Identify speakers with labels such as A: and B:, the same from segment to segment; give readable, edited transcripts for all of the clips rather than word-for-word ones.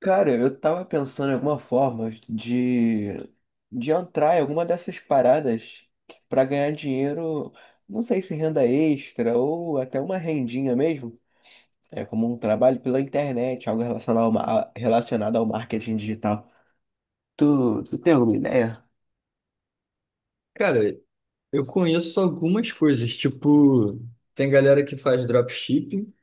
A: Cara, eu tava pensando em alguma forma de entrar em alguma dessas paradas pra ganhar dinheiro, não sei se renda extra ou até uma rendinha mesmo. É como um trabalho pela internet, algo relacionado ao marketing digital. Tu tem alguma ideia?
B: Cara, eu conheço algumas coisas, tipo, tem galera que faz dropshipping,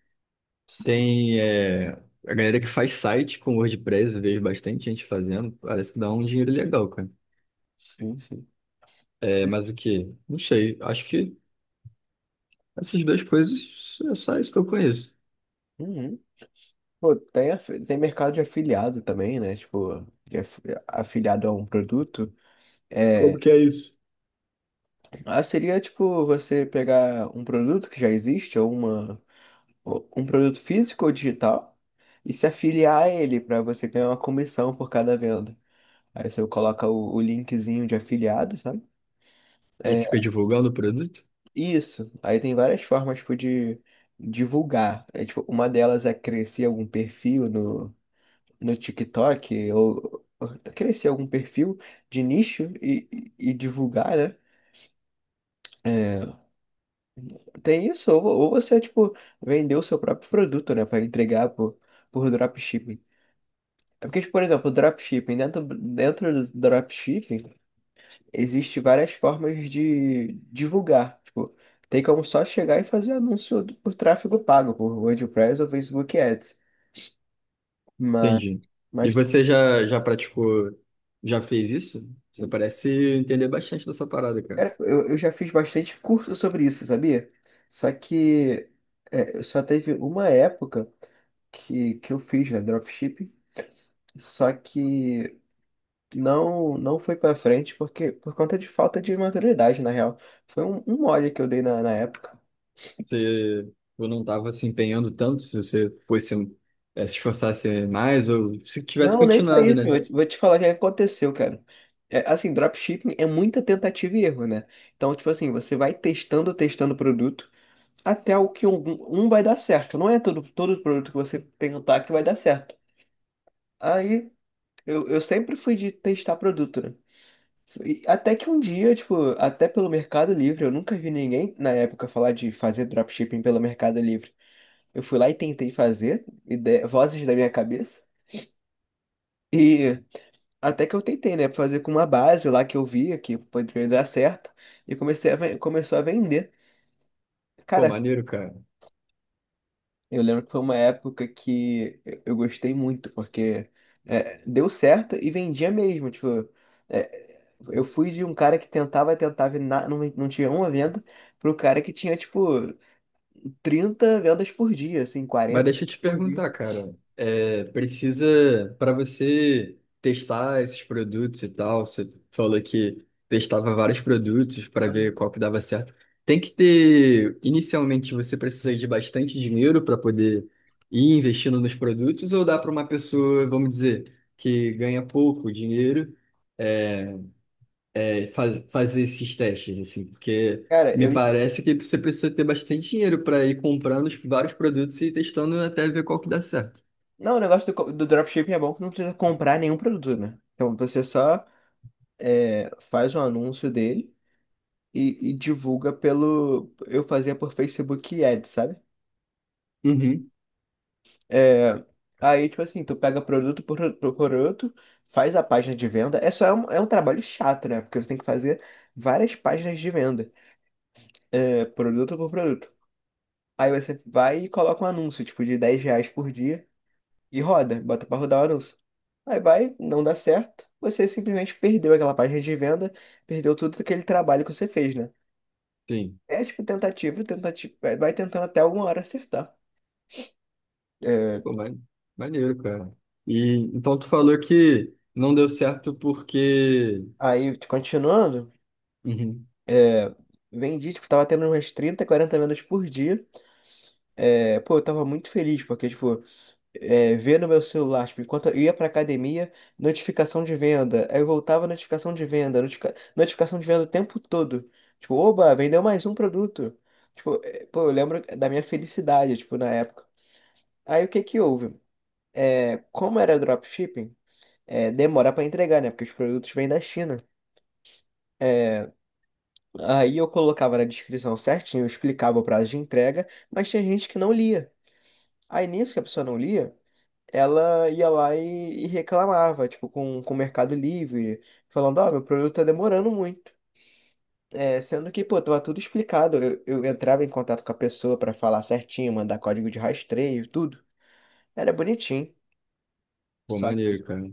A: Sim,
B: tem a galera que faz site com WordPress, eu vejo bastante gente fazendo, parece que dá um dinheiro legal, cara.
A: sim. Sim.
B: É, mas o quê? Não sei, acho que essas duas coisas é só isso que eu conheço.
A: Uhum. Pô, tem mercado de afiliado também, né? Tipo, afiliado a um produto.
B: Como
A: É.
B: que é isso?
A: Ah, seria tipo você pegar um produto que já existe, ou um produto físico ou digital, e se afiliar a ele para você ganhar uma comissão por cada venda. Aí você coloca o linkzinho de afiliado, sabe?
B: E
A: É,
B: fica divulgando o produto?
A: isso. Aí tem várias formas tipo, de divulgar. É, tipo, uma delas é crescer algum perfil no TikTok, ou crescer algum perfil de nicho e divulgar, né? É, tem isso, ou você, tipo, vender o seu próprio produto, né, para entregar por dropshipping. É porque, tipo, por exemplo, dropshipping, dentro do dropshipping, existe várias formas de divulgar. Tipo, tem como só chegar e fazer anúncio por tráfego pago, por WordPress ou Facebook Ads. Mas,
B: Entendi. E
A: mas,
B: você já praticou, já fez isso? Você parece entender bastante dessa parada, cara.
A: cara, eu já fiz bastante curso sobre isso, sabia? Só que é, só teve uma época que eu fiz, né, dropshipping, só que. Não foi pra frente porque por conta de falta de maturidade, na real. Foi um mole que eu dei na época.
B: Você ou não estava se empenhando tanto, se você fosse se esforçasse mais, ou se tivesse
A: Não, nem foi
B: continuado,
A: isso.
B: né?
A: Vou te falar o que aconteceu, cara. É, assim, dropshipping é muita tentativa e erro, né? Então, tipo assim, você vai testando o produto até o que um vai dar certo. Não é todo produto que você tentar que vai dar certo. Aí, eu sempre fui de testar produto, né? E até que um dia, tipo, até pelo Mercado Livre, eu nunca vi ninguém na época falar de fazer dropshipping pelo Mercado Livre. Eu fui lá e tentei fazer, vozes da minha cabeça, e até que eu tentei, né, fazer com uma base lá que eu via que poderia dar certo, e começou a vender.
B: Pô,
A: Cara,
B: maneiro, cara.
A: eu lembro que foi uma época que eu gostei muito, porque é, deu certo e vendia mesmo. Tipo, é, eu fui de um cara que tentava, tentava e não, não tinha uma venda, pro cara que tinha, tipo, 30 vendas por dia, assim,
B: Mas
A: 40
B: deixa eu te
A: por dia.
B: perguntar, cara. É, precisa, para você testar esses produtos e tal, você falou que testava vários produtos para ver
A: Uhum.
B: qual que dava certo. Tem que ter, inicialmente, você precisa de bastante dinheiro para poder ir investindo nos produtos, ou dá para uma pessoa, vamos dizer, que ganha pouco dinheiro? eh, fazer esses testes, assim, porque
A: Cara,
B: me
A: eu.
B: parece que você precisa ter bastante dinheiro para ir comprando os vários produtos e testando até ver qual que dá certo.
A: Não, o negócio do dropshipping é bom que não precisa comprar nenhum produto, né? Então você só é, faz um anúncio dele e divulga pelo. Eu fazia por Facebook Ads, sabe?
B: Uhum.
A: É, aí, tipo assim, tu pega produto por produto, faz a página de venda. É um trabalho chato, né? Porque você tem que fazer várias páginas de venda, é, produto por produto. Aí você vai e coloca um anúncio, tipo, de R$ 10 por dia e roda, bota pra rodar o anúncio. Aí vai, não dá certo, você simplesmente perdeu aquela página de venda, perdeu tudo aquele trabalho que você fez, né?
B: Sim,
A: É tipo tentativa, tentativa, vai tentando até alguma hora acertar. É,
B: pô, maneiro, cara. E então tu falou que não deu certo porque.
A: aí, continuando.
B: Uhum.
A: É, vendi, tipo, tava tendo umas 30, 40 vendas por dia. É, pô, eu tava muito feliz, porque, tipo, é, ver no meu celular, tipo, enquanto eu ia pra academia, notificação de venda. Aí eu voltava, notificação de venda, notificação de venda o tempo todo. Tipo, oba, vendeu mais um produto. Tipo, é, pô, eu lembro da minha felicidade, tipo, na época. Aí o que que houve? É, como era dropshipping, é, demora pra entregar, né? Porque os produtos vêm da China. Aí eu colocava na descrição certinho, eu explicava o prazo de entrega, mas tinha gente que não lia. Aí nisso que a pessoa não lia, ela ia lá e reclamava, tipo, com o Mercado Livre, falando, ó, meu produto tá demorando muito. É, sendo que, pô, tava tudo explicado. Eu entrava em contato com a pessoa pra falar certinho, mandar código de rastreio, tudo. Era bonitinho.
B: Pô,
A: Só que.
B: maneiro, cara.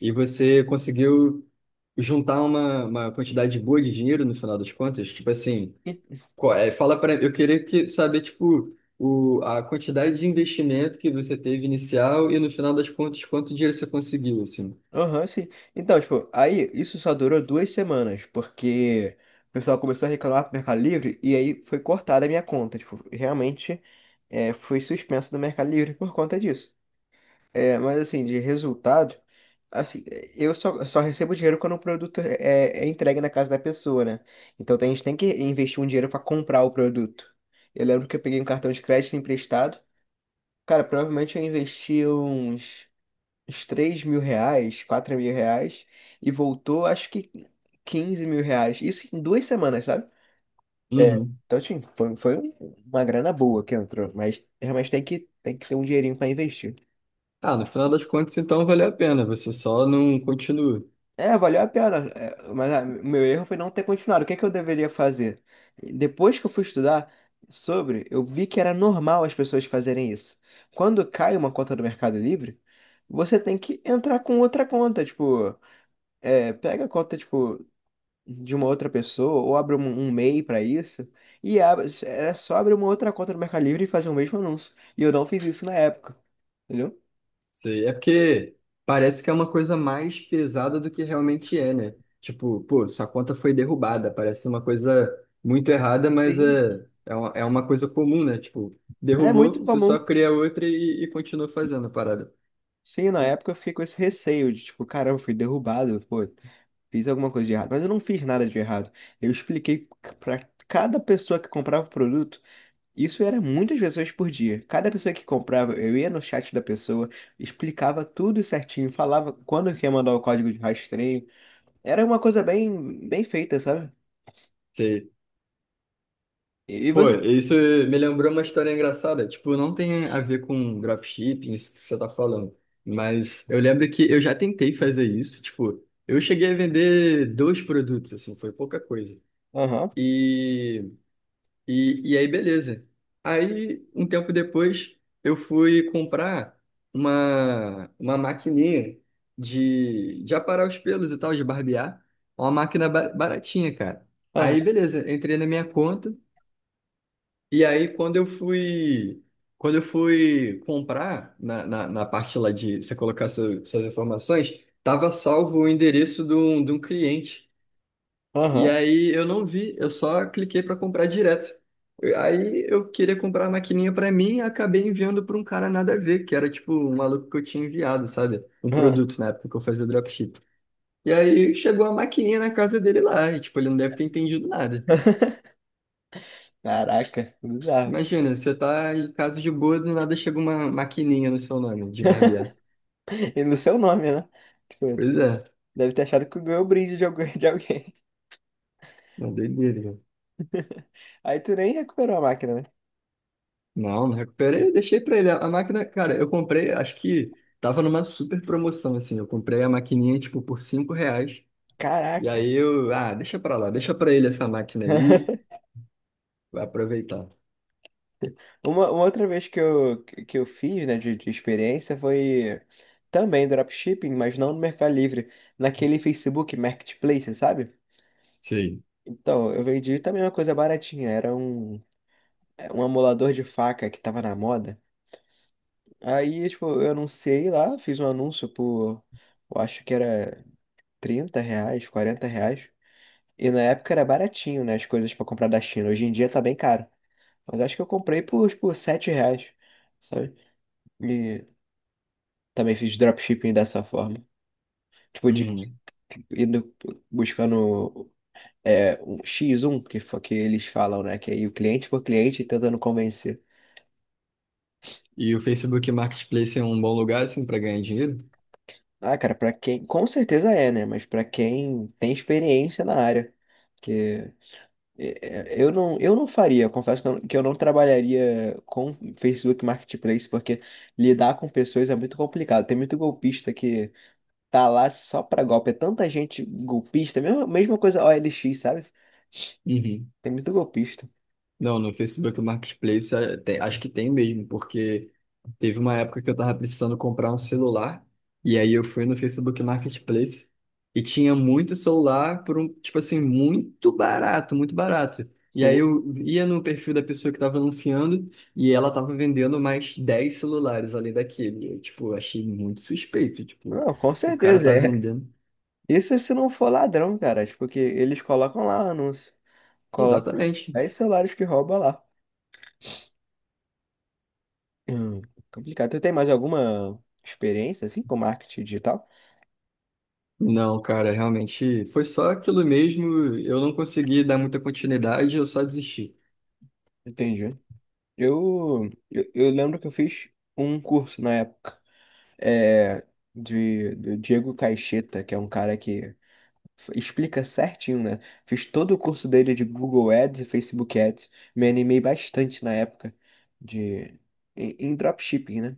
B: E você conseguiu juntar uma quantidade boa de dinheiro no final das contas? Tipo assim, qual é? Fala para eu queria que saber tipo o, a quantidade de investimento que você teve inicial e no final das contas quanto dinheiro você conseguiu assim.
A: Aham, sim. Então, tipo, aí isso só durou 2 semanas, porque o pessoal começou a reclamar pro Mercado Livre e aí foi cortada a minha conta. Tipo, realmente é, fui suspenso do Mercado Livre por conta disso. É, mas assim, de resultado, assim, eu só recebo dinheiro quando o produto é, é entregue na casa da pessoa, né? Então a gente tem que investir um dinheiro pra comprar o produto. Eu lembro que eu peguei um cartão de crédito emprestado. Cara, provavelmente eu investi uns R$ 3.000, R$ 4.000, e voltou, acho que R$ 15.000. Isso em 2 semanas, sabe? É,
B: Uhum.
A: então, assim, foi uma grana boa que entrou, mas realmente tem que ter um dinheirinho para investir.
B: Ah, no final das contas então valeu a pena, você só não continua.
A: É, valeu a pena, é, mas ah, meu erro foi não ter continuado. O que é que eu deveria fazer? Depois que eu fui estudar sobre, eu vi que era normal as pessoas fazerem isso. Quando cai uma conta do Mercado Livre, você tem que entrar com outra conta, tipo, é, pega a conta, tipo, de uma outra pessoa, ou abre um MEI para isso, e abre, era só abrir uma outra conta no Mercado Livre e fazer o mesmo anúncio. E eu não fiz isso na época, entendeu?
B: Sei. É porque parece que é uma coisa mais pesada do que realmente é, né? Tipo, pô, sua conta foi derrubada, parece uma coisa muito errada, mas
A: Sim.
B: é, é uma coisa comum, né? Tipo,
A: É muito
B: derrubou, você só
A: comum.
B: cria outra e continua fazendo a parada.
A: Sim, na época eu fiquei com esse receio de, tipo, caramba, fui derrubado, pô, fiz alguma coisa de errado. Mas eu não fiz nada de errado. Eu expliquei para cada pessoa que comprava o produto, isso era muitas pessoas por dia. Cada pessoa que comprava, eu ia no chat da pessoa, explicava tudo certinho, falava quando que ia mandar o código de rastreio, era uma coisa bem, bem feita, sabe? E
B: Pô,
A: você?
B: isso me lembrou uma história engraçada. Tipo, não tem a ver com dropshipping, isso que você tá falando. Mas eu lembro que eu já tentei fazer isso. Tipo, eu cheguei a vender dois produtos, assim, foi pouca coisa.
A: Aham,
B: E, e aí, beleza. Aí, um tempo depois, eu fui comprar uma maquininha de aparar os pelos e tal, de barbear. Uma máquina baratinha, cara.
A: aham,
B: Aí, beleza, entrei na minha conta. E aí, quando eu fui comprar na parte lá de você colocar suas informações, tava salvo o endereço de um cliente. E
A: aham.
B: aí eu não vi, eu só cliquei para comprar direto. E aí eu queria comprar a maquininha para mim, e acabei enviando para um cara nada a ver, que era tipo um maluco que eu tinha enviado, sabe? Um produto na época que eu fazia dropship. E aí chegou a maquininha na casa dele lá, e tipo, ele não deve ter entendido nada.
A: Aham. Caraca, bizarro.
B: Imagina, você tá em casa de boa, do nada chega uma maquininha no seu nome de barbear.
A: E no seu nome, né? Tipo,
B: Pois é,
A: deve ter achado que ganhou o brinde de alguém, de alguém.
B: uma doideira, cara.
A: Aí tu nem recuperou a máquina, né?
B: Não, não recuperei, deixei pra ele. A máquina, cara, eu comprei, acho que tava numa super promoção, assim. Eu comprei a maquininha, tipo, por 5 reais. E
A: Caraca.
B: aí eu, ah, deixa pra lá, deixa pra ele essa máquina aí, vai aproveitar.
A: Uma outra vez que eu fiz, né, de experiência foi também dropshipping, mas não no Mercado Livre, naquele Facebook Marketplace, sabe?
B: Sei.
A: Então, eu vendi também uma coisa baratinha, era um amolador de faca que tava na moda. Aí, tipo, eu anunciei lá, fiz um anúncio por, eu acho que era R$ 30, R$ 40. E na época era baratinho, né, as coisas pra comprar da China. Hoje em dia tá bem caro. Mas acho que eu comprei por, tipo, R$ 7, sabe? E também fiz dropshipping dessa forma. Tipo, de
B: Uhum.
A: indo buscando é, um x um que eles falam, né? Que aí o cliente por cliente tentando convencer.
B: E o Facebook Marketplace é um bom lugar, assim, pra ganhar dinheiro?
A: Ah, cara, pra quem... Com certeza é, né? Mas pra quem tem experiência na área. Porque eu não faria, confesso que eu não trabalharia com Facebook Marketplace, porque lidar com pessoas é muito complicado. Tem muito golpista que tá lá só pra golpe. É tanta gente golpista, mesma coisa o OLX, sabe?
B: Uhum.
A: Tem muito golpista.
B: Não, no Facebook Marketplace é, tem- acho que tem mesmo, porque teve uma época que eu tava precisando comprar um celular, e aí eu fui no Facebook Marketplace e tinha muito celular por um, tipo assim, muito barato, muito barato. E aí
A: Sim.
B: eu ia no perfil da pessoa que tava anunciando e ela tava vendendo mais 10 celulares além daquele. E, eu, tipo, achei muito suspeito, tipo,
A: Não, com
B: o cara
A: certeza
B: tá
A: é.
B: vendendo.
A: Isso se não for ladrão, cara, tipo, porque eles colocam lá o anúncio. Colocam
B: Exatamente.
A: 10 celulares que rouba lá. Hum, complicado. Tu tem mais alguma experiência, assim, com marketing digital?
B: Não, cara, realmente foi só aquilo mesmo. Eu não consegui dar muita continuidade, eu só desisti.
A: Entendi. Eu lembro que eu fiz um curso na época, é, do Diego Caixeta, que é um cara que explica certinho, né? Fiz todo o curso dele de Google Ads e Facebook Ads. Me animei bastante na época de, em dropshipping, né?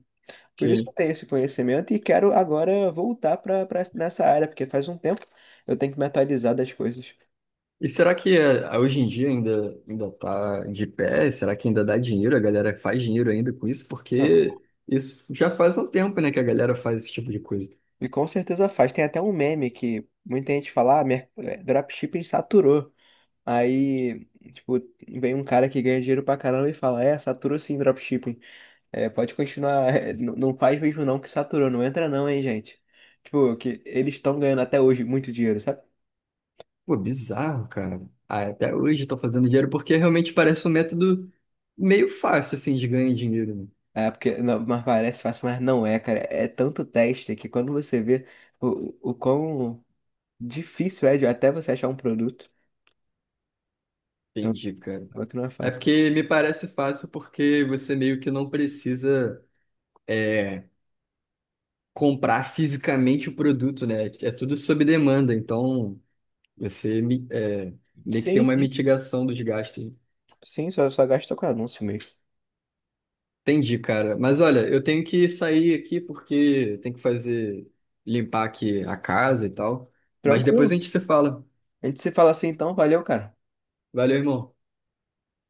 A: Por isso que
B: Sim.
A: eu tenho esse conhecimento e quero agora voltar para nessa área, porque faz um tempo eu tenho que me atualizar das coisas.
B: E será que eh, hoje em dia ainda tá de pé? Será que ainda dá dinheiro? A galera faz dinheiro ainda com isso?
A: Não.
B: Porque isso já faz um tempo, né, que a galera faz esse tipo de coisa.
A: E com certeza faz. Tem até um meme que muita gente fala, ah, dropshipping saturou. Aí, tipo, vem um cara que ganha dinheiro pra caramba e fala, é, saturou sim dropshipping. É, pode continuar, é, não faz mesmo não que saturou, não entra não, hein, gente. Tipo, que eles estão ganhando até hoje muito dinheiro, sabe?
B: Pô, bizarro, cara. Ah, até hoje tô fazendo dinheiro porque realmente parece um método meio fácil assim de ganhar dinheiro, né?
A: É, porque, não, mas parece fácil, mas não é, cara. É tanto teste que quando você vê o, o quão difícil é de até você achar um produto, então,
B: Entendi, cara.
A: acaba que não é
B: É
A: fácil.
B: porque me parece fácil porque você meio que não precisa eh, comprar fisicamente o produto, né? É tudo sob demanda, então você mi- é, meio que tem
A: Sim,
B: uma
A: sim.
B: mitigação dos gastos.
A: Sim, só gasta com anúncio mesmo.
B: Entendi, cara. Mas olha, eu tenho que sair aqui porque tem que fazer limpar aqui a casa e tal. Mas depois a
A: Tranquilo.
B: gente se fala.
A: A gente se fala assim então, valeu, cara.
B: Valeu, irmão.